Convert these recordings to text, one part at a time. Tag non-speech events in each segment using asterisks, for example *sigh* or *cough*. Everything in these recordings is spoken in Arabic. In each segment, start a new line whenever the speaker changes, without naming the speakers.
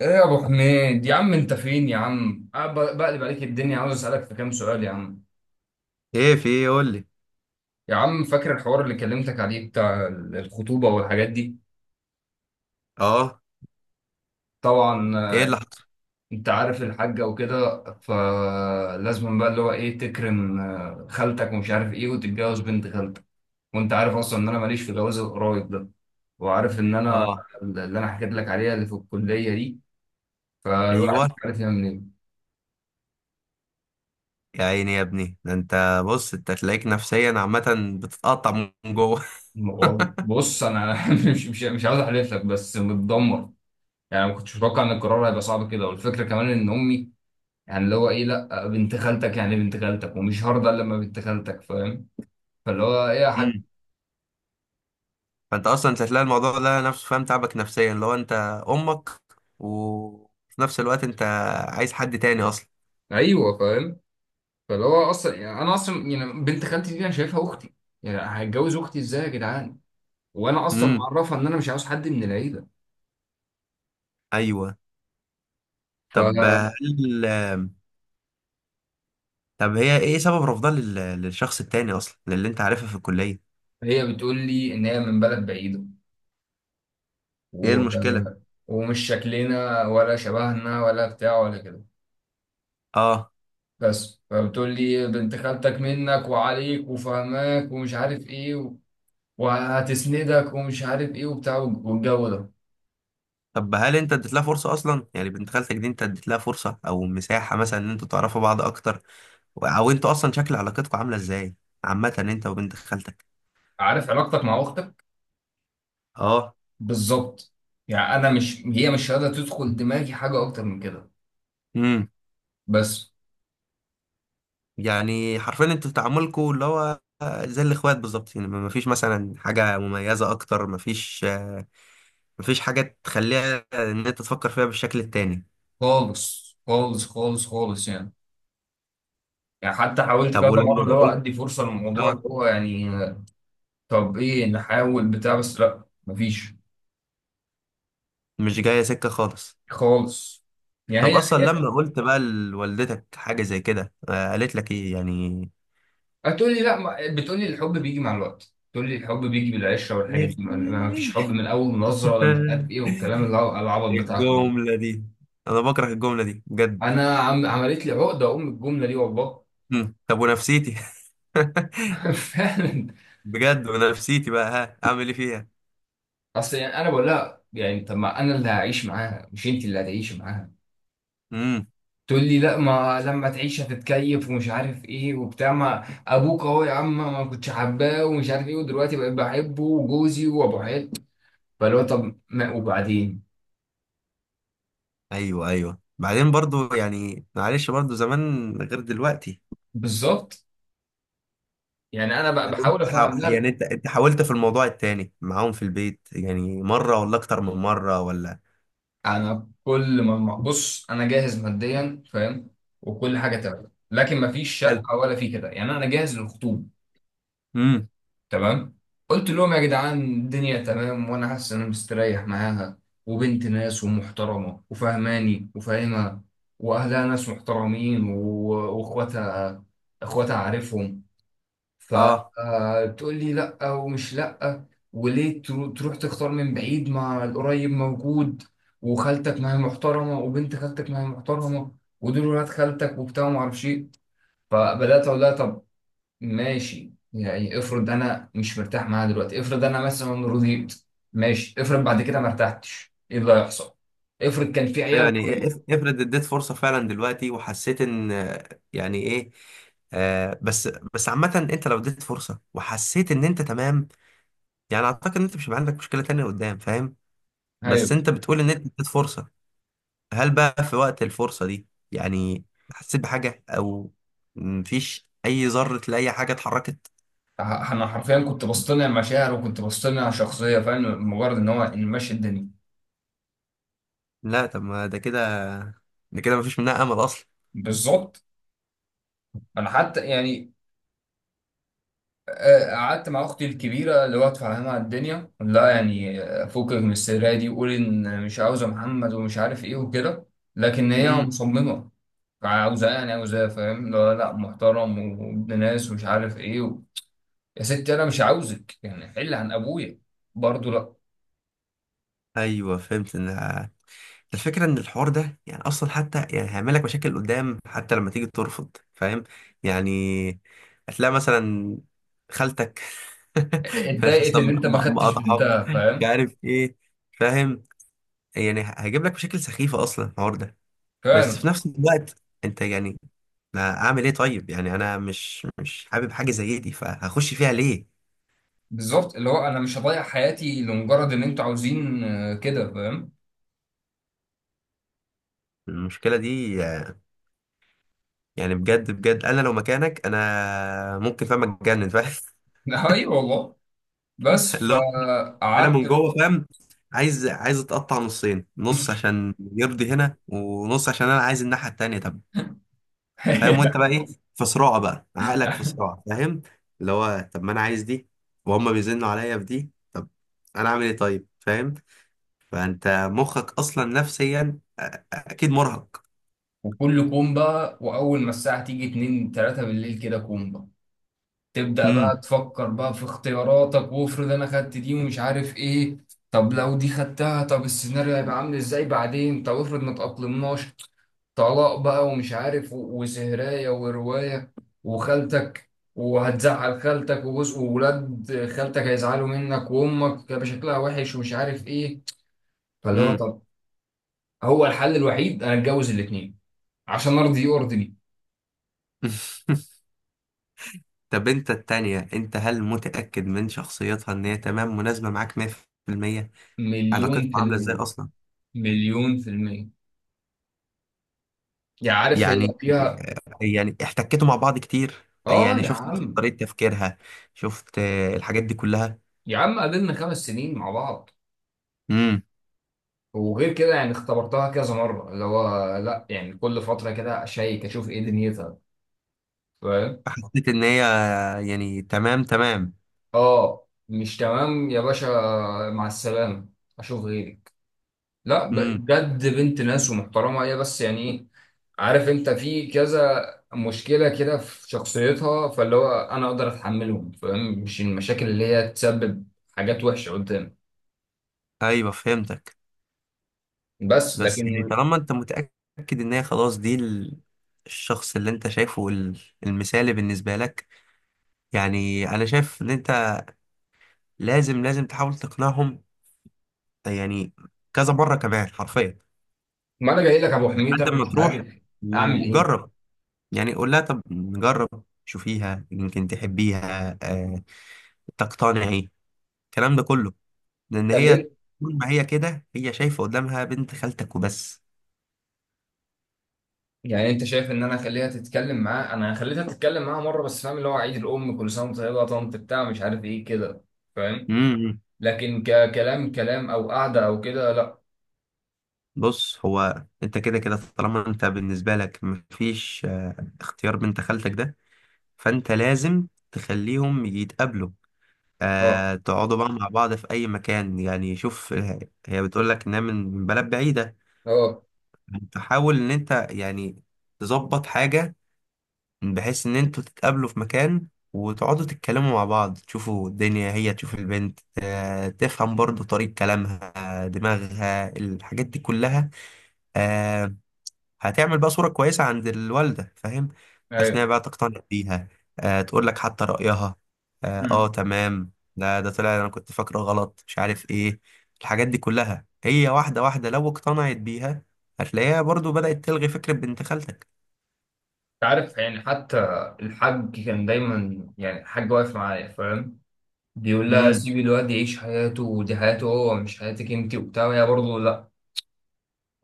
ايه يا ابو حميد يا عم، انت فين يا عم؟ أنا بقلب عليك الدنيا، عاوز اسالك في كام سؤال يا عم.
ايه، في ايه؟ قول لي.
يا عم فاكر الحوار اللي كلمتك عليه بتاع الخطوبه والحاجات دي؟
اه.
طبعا
ايه اللي حصل؟
انت عارف الحاجه وكده، فلازم بقى اللي هو ايه تكرم خالتك ومش عارف ايه وتتجوز بنت خالتك. وانت عارف اصلا ان انا ماليش في جواز القرايب ده، وعارف ان انا
اه.
اللي انا حكيت لك عليها اللي في الكليه دي، فالواحد
ايوه.
مش عارف يعمل ايه.
يا عيني يا ابني، ده انت بص انت تلاقيك نفسيا عامه بتتقطع من جوه.
والله
*laughs*
بص انا *laughs* مش عاوز احلف لك، بس متدمر. يعني ما كنتش متوقع ان القرار هيبقى صعب كده، والفكره كمان ان امي يعني اللي هو ايه لا بنت خالتك، يعني بنت خالتك ومش هرضى الا لما بنت خالتك، فاهم؟ فاللي هو ايه يا حاج.
مم. فانت اصلا مش هتلاقي الموضوع ده نفسه فاهم، تعبك نفسيا لو انت امك وفي نفس الوقت انت عايز حد تاني اصلا.
ايوه فاهم، فاللي هو اصلا يعني انا اصلا يعني بنت خالتي دي انا شايفها اختي، يعني هتجوز اختي ازاي يا جدعان؟ وانا اصلا
امم.
معرفها ان انا مش عاوز حد من العيله.
ايوه. طب
فهي
هل طب هي ايه سبب رفضها للشخص التاني اصلا، للي انت عارفها في الكليه؟
بتقول لي ان هي من بلد بعيده،
ايه
و...
المشكله؟
ومش شكلنا ولا شبهنا ولا بتاع ولا كده،
اه.
بس فبتقول لي بنت خالتك منك وعليك وفهماك ومش عارف ايه و... وهتسندك ومش عارف ايه وبتاع والجو ده.
طب هل انت اديت لها فرصه اصلا؟ يعني بنت خالتك دي، انت اديت لها فرصه او مساحه مثلا ان انتوا تعرفوا بعض اكتر؟ او انتوا اصلا شكل علاقتكم عامله ازاي عامه، انت وبنت خالتك؟
عارف علاقتك مع اختك؟
اه.
بالظبط. يعني انا مش، هي مش قادره تدخل دماغي حاجه اكتر من كده،
امم.
بس.
يعني حرفيا انتوا في تعاملكم اللي هو زي الاخوات بالظبط، يعني ما فيش مثلا حاجه مميزه اكتر، ما فيش حاجه تخليها ان انت تفكر فيها بالشكل التاني؟
خالص خالص خالص خالص يعني، يعني حتى حاولت
طب
كذا مره اللي
ولما
هو
قلت.
ادي فرصه للموضوع اللي
اه.
هو يعني طب ايه نحاول بتاع، بس لا مفيش
مش جايه سكه خالص.
خالص.
طب
يعني
اصلا
هي
لما قلت بقى لوالدتك حاجه زي كده، قالت لك ايه يعني؟
هتقول لي لا، بتقول لي الحب بيجي مع الوقت، تقول لي الحب بيجي بالعشره والحاجات دي، ما فيش
يحتاج.
حب من اول نظره ولا مش عارف ايه، والكلام اللي هو
*laughs*
العبط بتاعكم ده.
الجملة دي، أنا بكره الجملة دي بجد.
انا عم عملت لي عقده ام الجمله دي والله.
مم. طب ونفسيتي. *laughs*
*laughs* فعلا.
بجد ونفسيتي بقى، ها أعمل إيه فيها؟
اصل يعني انا بقول لها يعني طب ما انا اللي هعيش معاها، مش انت اللي هتعيشي معاها.
مم.
تقول لي لا، ما لما تعيش هتتكيف ومش عارف ايه وبتاع، ما ابوك اهو يا عم ما كنتش حباه ومش عارف ايه، ودلوقتي بقيت بحبه وجوزي وابو عيال. فاللي هو طب ما وبعدين.
أيوه، أيوه، بعدين برضو يعني معلش، برضو زمان غير دلوقتي.
بالظبط. يعني انا بقى
طب
بحاول
انت
افهم، لا،
يعني أنت حاولت في الموضوع التاني معاهم في البيت يعني، مرة ولا أكتر من مرة ولا؟
انا كل ما بص انا جاهز ماديا فاهم، وكل حاجه تمام، لكن ما فيش
هل؟
شقه ولا في كده، يعني انا جاهز للخطوبه.
مم.
تمام. قلت لهم يا جدعان الدنيا تمام، وانا حاسس ان انا مستريح معاها، وبنت ناس ومحترمه وفهماني وفاهمها، واهلها ناس محترمين واخواتها، اخواتها عارفهم.
أه.
فتقول لي لا، ومش لا، وليه تروح تختار من بعيد مع القريب موجود، وخالتك ما هي محترمه وبنت خالتك ما هي محترمه ودول ولاد خالتك وبتاع وما اعرفش ايه. فبدات اقول لها طب ماشي، يعني افرض انا مش مرتاح معاها دلوقتي، افرض انا مثلا رضيت، ماشي افرض بعد كده ما ارتحتش، ايه اللي هيحصل؟ افرض كان في
ايوه
عيال
يعني إيه،
طيب.
افرض اديت فرصه فعلا دلوقتي، وحسيت ان يعني ايه. آه، بس. بس عامه انت لو اديت فرصه وحسيت ان انت تمام، يعني اعتقد ان انت مش هيبقى عندك مشكله تانية قدام، فاهم؟ بس
ايوه.
انت بتقول ان انت اديت فرصه، هل بقى في وقت الفرصه دي، يعني، حسيت بحاجه، او مفيش اي ذره لاي حاجه اتحركت؟
انا حرفيا كنت بصطنع مشاعر وكنت بصطنع شخصيه فاهم، مجرد ان هو إن ماشي الدنيا.
لا طب ما ده كده مفيش منها امل اصلا.
بالظبط. انا حتى يعني قعدت مع اختي الكبيره اللي هو تفهمها الدنيا، لا يعني فكك من السريه دي، قول ان مش عاوزه محمد ومش عارف ايه وكده. لكن هي
امم.
مصممه، عاوزاه يعني عاوزاه، فاهم. لا لا محترم وابن ناس ومش عارف ايه و... يا ستي انا مش عاوزك، يعني حل عن ابويا. برضه لا.
ايوه، فهمت ان الفكرة إن الحوار ده يعني أصلا حتى، يعني هيعمل لك مشاكل قدام، حتى لما تيجي ترفض، فاهم؟ يعني هتلاقي مثلا خالتك. *laughs*
اتضايقت
مثلاً
ان انت ما خدتش
مقاطعاك،
بنتها
مش
فاهم.
عارف إيه، فاهم؟ يعني هيجيب لك مشاكل سخيفة أصلا الحوار ده. بس في
فعلا.
نفس الوقت أنت يعني، ما أعمل إيه طيب؟ يعني أنا مش مش حابب حاجة زي دي، فهخش فيها ليه؟
بالظبط اللي هو انا مش هضيع حياتي لمجرد ان انتوا عاوزين كده فاهم.
المشكلة دي، يعني بجد بجد أنا لو مكانك أنا ممكن فاهم أتجنن، فاهم؟
*laughs* ايوه والله. بس
*laughs* انا
فقعدت.
من جوه فاهم، عايز اتقطع نصين، نص عشان يرضي هنا، ونص عشان انا عايز الناحيه التانيه. طب فاهم، وانت
*laughs*
بقى ايه؟ في صراع بقى عقلك، في صراع فاهم، اللي هو طب ما انا عايز دي، وهم بيزنوا عليا في دي، طب انا اعمل ايه طيب فاهم؟ فانت مخك اصلا نفسيا اكيد مرهق.
وكل كومبا، واول ما الساعه تيجي 2 3 بالليل كده كومبا، تبدا
امم.
بقى تفكر بقى في اختياراتك، وافرض انا خدت دي ومش عارف ايه، طب لو دي خدتها طب السيناريو هيبقى عامل ازاي بعدين، طب افرض ما تأقلمناش، طلاق بقى ومش عارف وسهرايه وروايه وخالتك، وهتزعل خالتك وجوز وولاد خالتك هيزعلوا منك، وامك هيبقى شكلها وحش ومش عارف ايه. فاللي هو
امم.
طب، هو الحل الوحيد انا اتجوز الاثنين عشان ارضي يرضي.
*laughs* طب انت التانية انت، هل متأكد من شخصيتها ان هي تمام مناسبة معاك 100%؟
مليون
علاقتكم
في
عاملة ازاي
المية.
اصلا؟
مليون في المية. يا عارف هي
يعني،
فيها.
يعني احتكيتوا مع بعض كتير،
اه
يعني
يا
شفت
عم.
طريقة تفكيرها، شفت الحاجات دي كلها؟
يا عم قابلنا خمس سنين مع بعض،
امم.
وغير كده يعني اختبرتها كذا مرة اللي هو لا يعني كل فترة كده اشيك اشوف ايه دنيتها، فاهم.
حسيت ان هي يعني تمام تمام؟
اه مش تمام يا باشا، مع السلامة، اشوف غيري. لا ب-
امم.
بجد بنت ناس ومحترمة هي، بس يعني ايه، عارف انت في كذا مشكلة كده في شخصيتها، فاللي هو انا اقدر اتحملهم فاهم، مش المشاكل اللي هي تسبب حاجات وحشة قدام.
ايوه، فهمتك.
بس
بس يعني
لكن.
طالما انت متأكد ان هي خلاص، دي الشخص اللي انت شايفه المثالي بالنسبة لك، يعني انا شايف ان انت لازم لازم تحاول تقنعهم، يعني كذا مرة كمان حرفيا،
ما انا جاي لك يا ابو حميد،
لحد
انا
ما
مش
تروح
عارف اعمل ايه.
وجرب، يعني قول لها طب نجرب شوفيها يمكن تحبيها، تقتنعي، الكلام ده كله، لان هي
خليت.
طول ما هي كده، هي شايفه قدامها بنت خالتك وبس.
يعني انت شايف ان انا اخليها تتكلم معاه؟ انا خليتها تتكلم معاه مرة بس فاهم، اللي هو عيد الام كل سنة وانت طيبة يا طنط بتاع مش عارف ايه كده، فاهم.
امم.
لكن ككلام كلام او قعدة او كده، لا.
بص هو انت كده كده، طالما انت بالنسبه لك مفيش اختيار بنت خالتك ده، فانت لازم تخليهم يتقابلوا،
اه.
تقعدوا بقى مع بعض في اي مكان، يعني شوف، هي بتقول لك انها من بلد بعيده،
اه.
تحاول ان انت يعني تظبط حاجه بحيث ان انتوا تتقابلوا في مكان وتقعدوا تتكلموا مع بعض، تشوفوا الدنيا، هي تشوف البنت، تفهم برضو طريقة كلامها، دماغها الحاجات دي كلها، آه، هتعمل بقى صورة كويسة عند الوالدة، فاهم؟ بحيث انها
ايوه.
بقى تقتنع بيها، تقول لك حتى رأيها. اه
مم.
تمام، لا ده طلع انا كنت فاكره غلط، مش عارف ايه. الحاجات دي كلها هي واحدة واحدة، لو اقتنعت بيها هتلاقيها برضو بدأت تلغي فكرة بنت خالتك.
عارف يعني حتى الحاج كان دايما يعني الحاج واقف معايا فاهم، بيقول لها
امم.
سيبي الواد يعيش حياته، ودي حياته هو مش حياتك انت وبتاع. وهي برضه لا،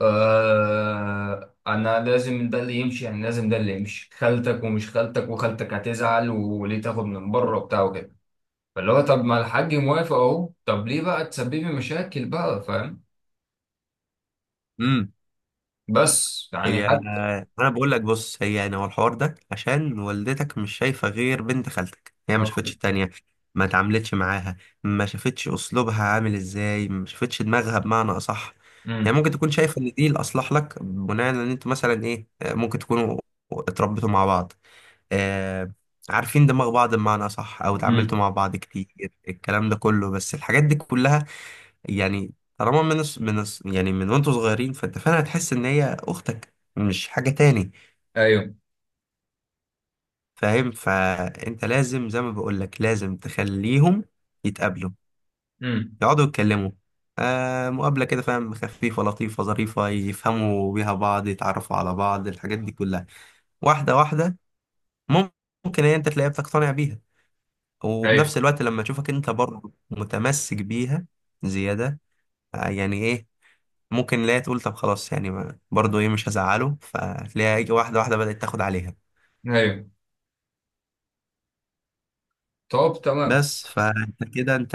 آه انا لازم ده اللي يمشي، يعني لازم ده اللي يمشي، خالتك ومش خالتك وخالتك هتزعل، وليه تاخد من بره وبتاع وكده. فاللي هو طب ما الحاج موافق اهو، طب ليه بقى تسببي مشاكل بقى فاهم.
امم.
بس يعني
هي
حتى.
انا بقول لك بص، هي يعني هو الحوار ده عشان والدتك مش شايفه غير بنت خالتك، هي ما شافتش التانية، ما اتعاملتش معاها، ما شافتش اسلوبها عامل ازاي، ما شافتش دماغها بمعنى اصح، يعني
امم.
ممكن تكون شايفه ان دي الاصلح لك بناء ان انتوا مثلا ايه، ممكن تكونوا اتربيتوا مع بعض، آه عارفين دماغ بعض بمعنى اصح، او
امم.
اتعاملتوا مع بعض كتير، الكلام ده كله، بس الحاجات دي كلها، يعني طالما يعني من وانتوا صغيرين، فانت فعلا هتحس ان هي اختك مش حاجة تاني،
ايوه.
فاهم؟ فانت لازم زي ما بقولك لازم تخليهم يتقابلوا،
امم.
يقعدوا يتكلموا، مقابلة كده فاهم، خفيفة لطيفة ظريفة، يفهموا بيها بعض، يتعرفوا على بعض، الحاجات دي كلها واحدة واحدة. مم- ممكن هي انت تلاقيها بتقتنع بيها،
ايوه.
وبنفس الوقت لما تشوفك انت برضه متمسك بيها زيادة، يعني ايه، ممكن لا تقول طب خلاص، يعني برضو ايه مش هزعله، فتلاقيها يجي واحده واحده بدات تاخد عليها.
ايوه. طب تمام.
بس فانت كده، انت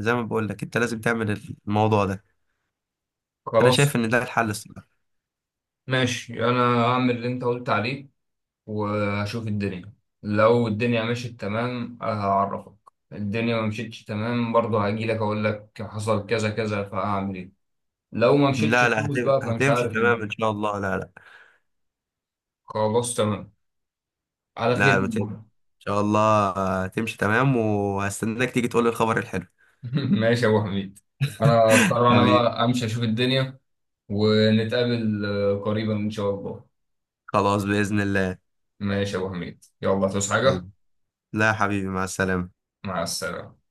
زي ما بقول لك انت لازم تعمل الموضوع ده، انا
خلاص
شايف ان ده الحل الصراحه.
ماشي، انا هعمل اللي انت قلت عليه وهشوف الدنيا. لو الدنيا مشيت تمام هعرفك. الدنيا ما مشيتش تمام برضه هاجي لك اقول لك حصل كذا كذا فهعمل ايه. لو ما مشيتش
لا لا،
خالص بقى، فمش
هتمشي
عارف
تمام ان
الدنيا.
شاء الله، لا لا.
خلاص تمام، على خير.
لا ما تقلقش. ان
*laughs*
شاء الله هتمشي تمام، وهستناك تيجي تقول لي الخبر الحلو.
ماشي يا ابو حميد، انا اضطر
*laughs*
انا
حبيبي.
بقى امشي اشوف الدنيا، ونتقابل قريبا ان شاء الله.
خلاص باذن الله.
ماشي يا ابو حميد، يلا تصحى حاجه.
يلا. لا يا حبيبي، مع السلامه.
مع السلامه.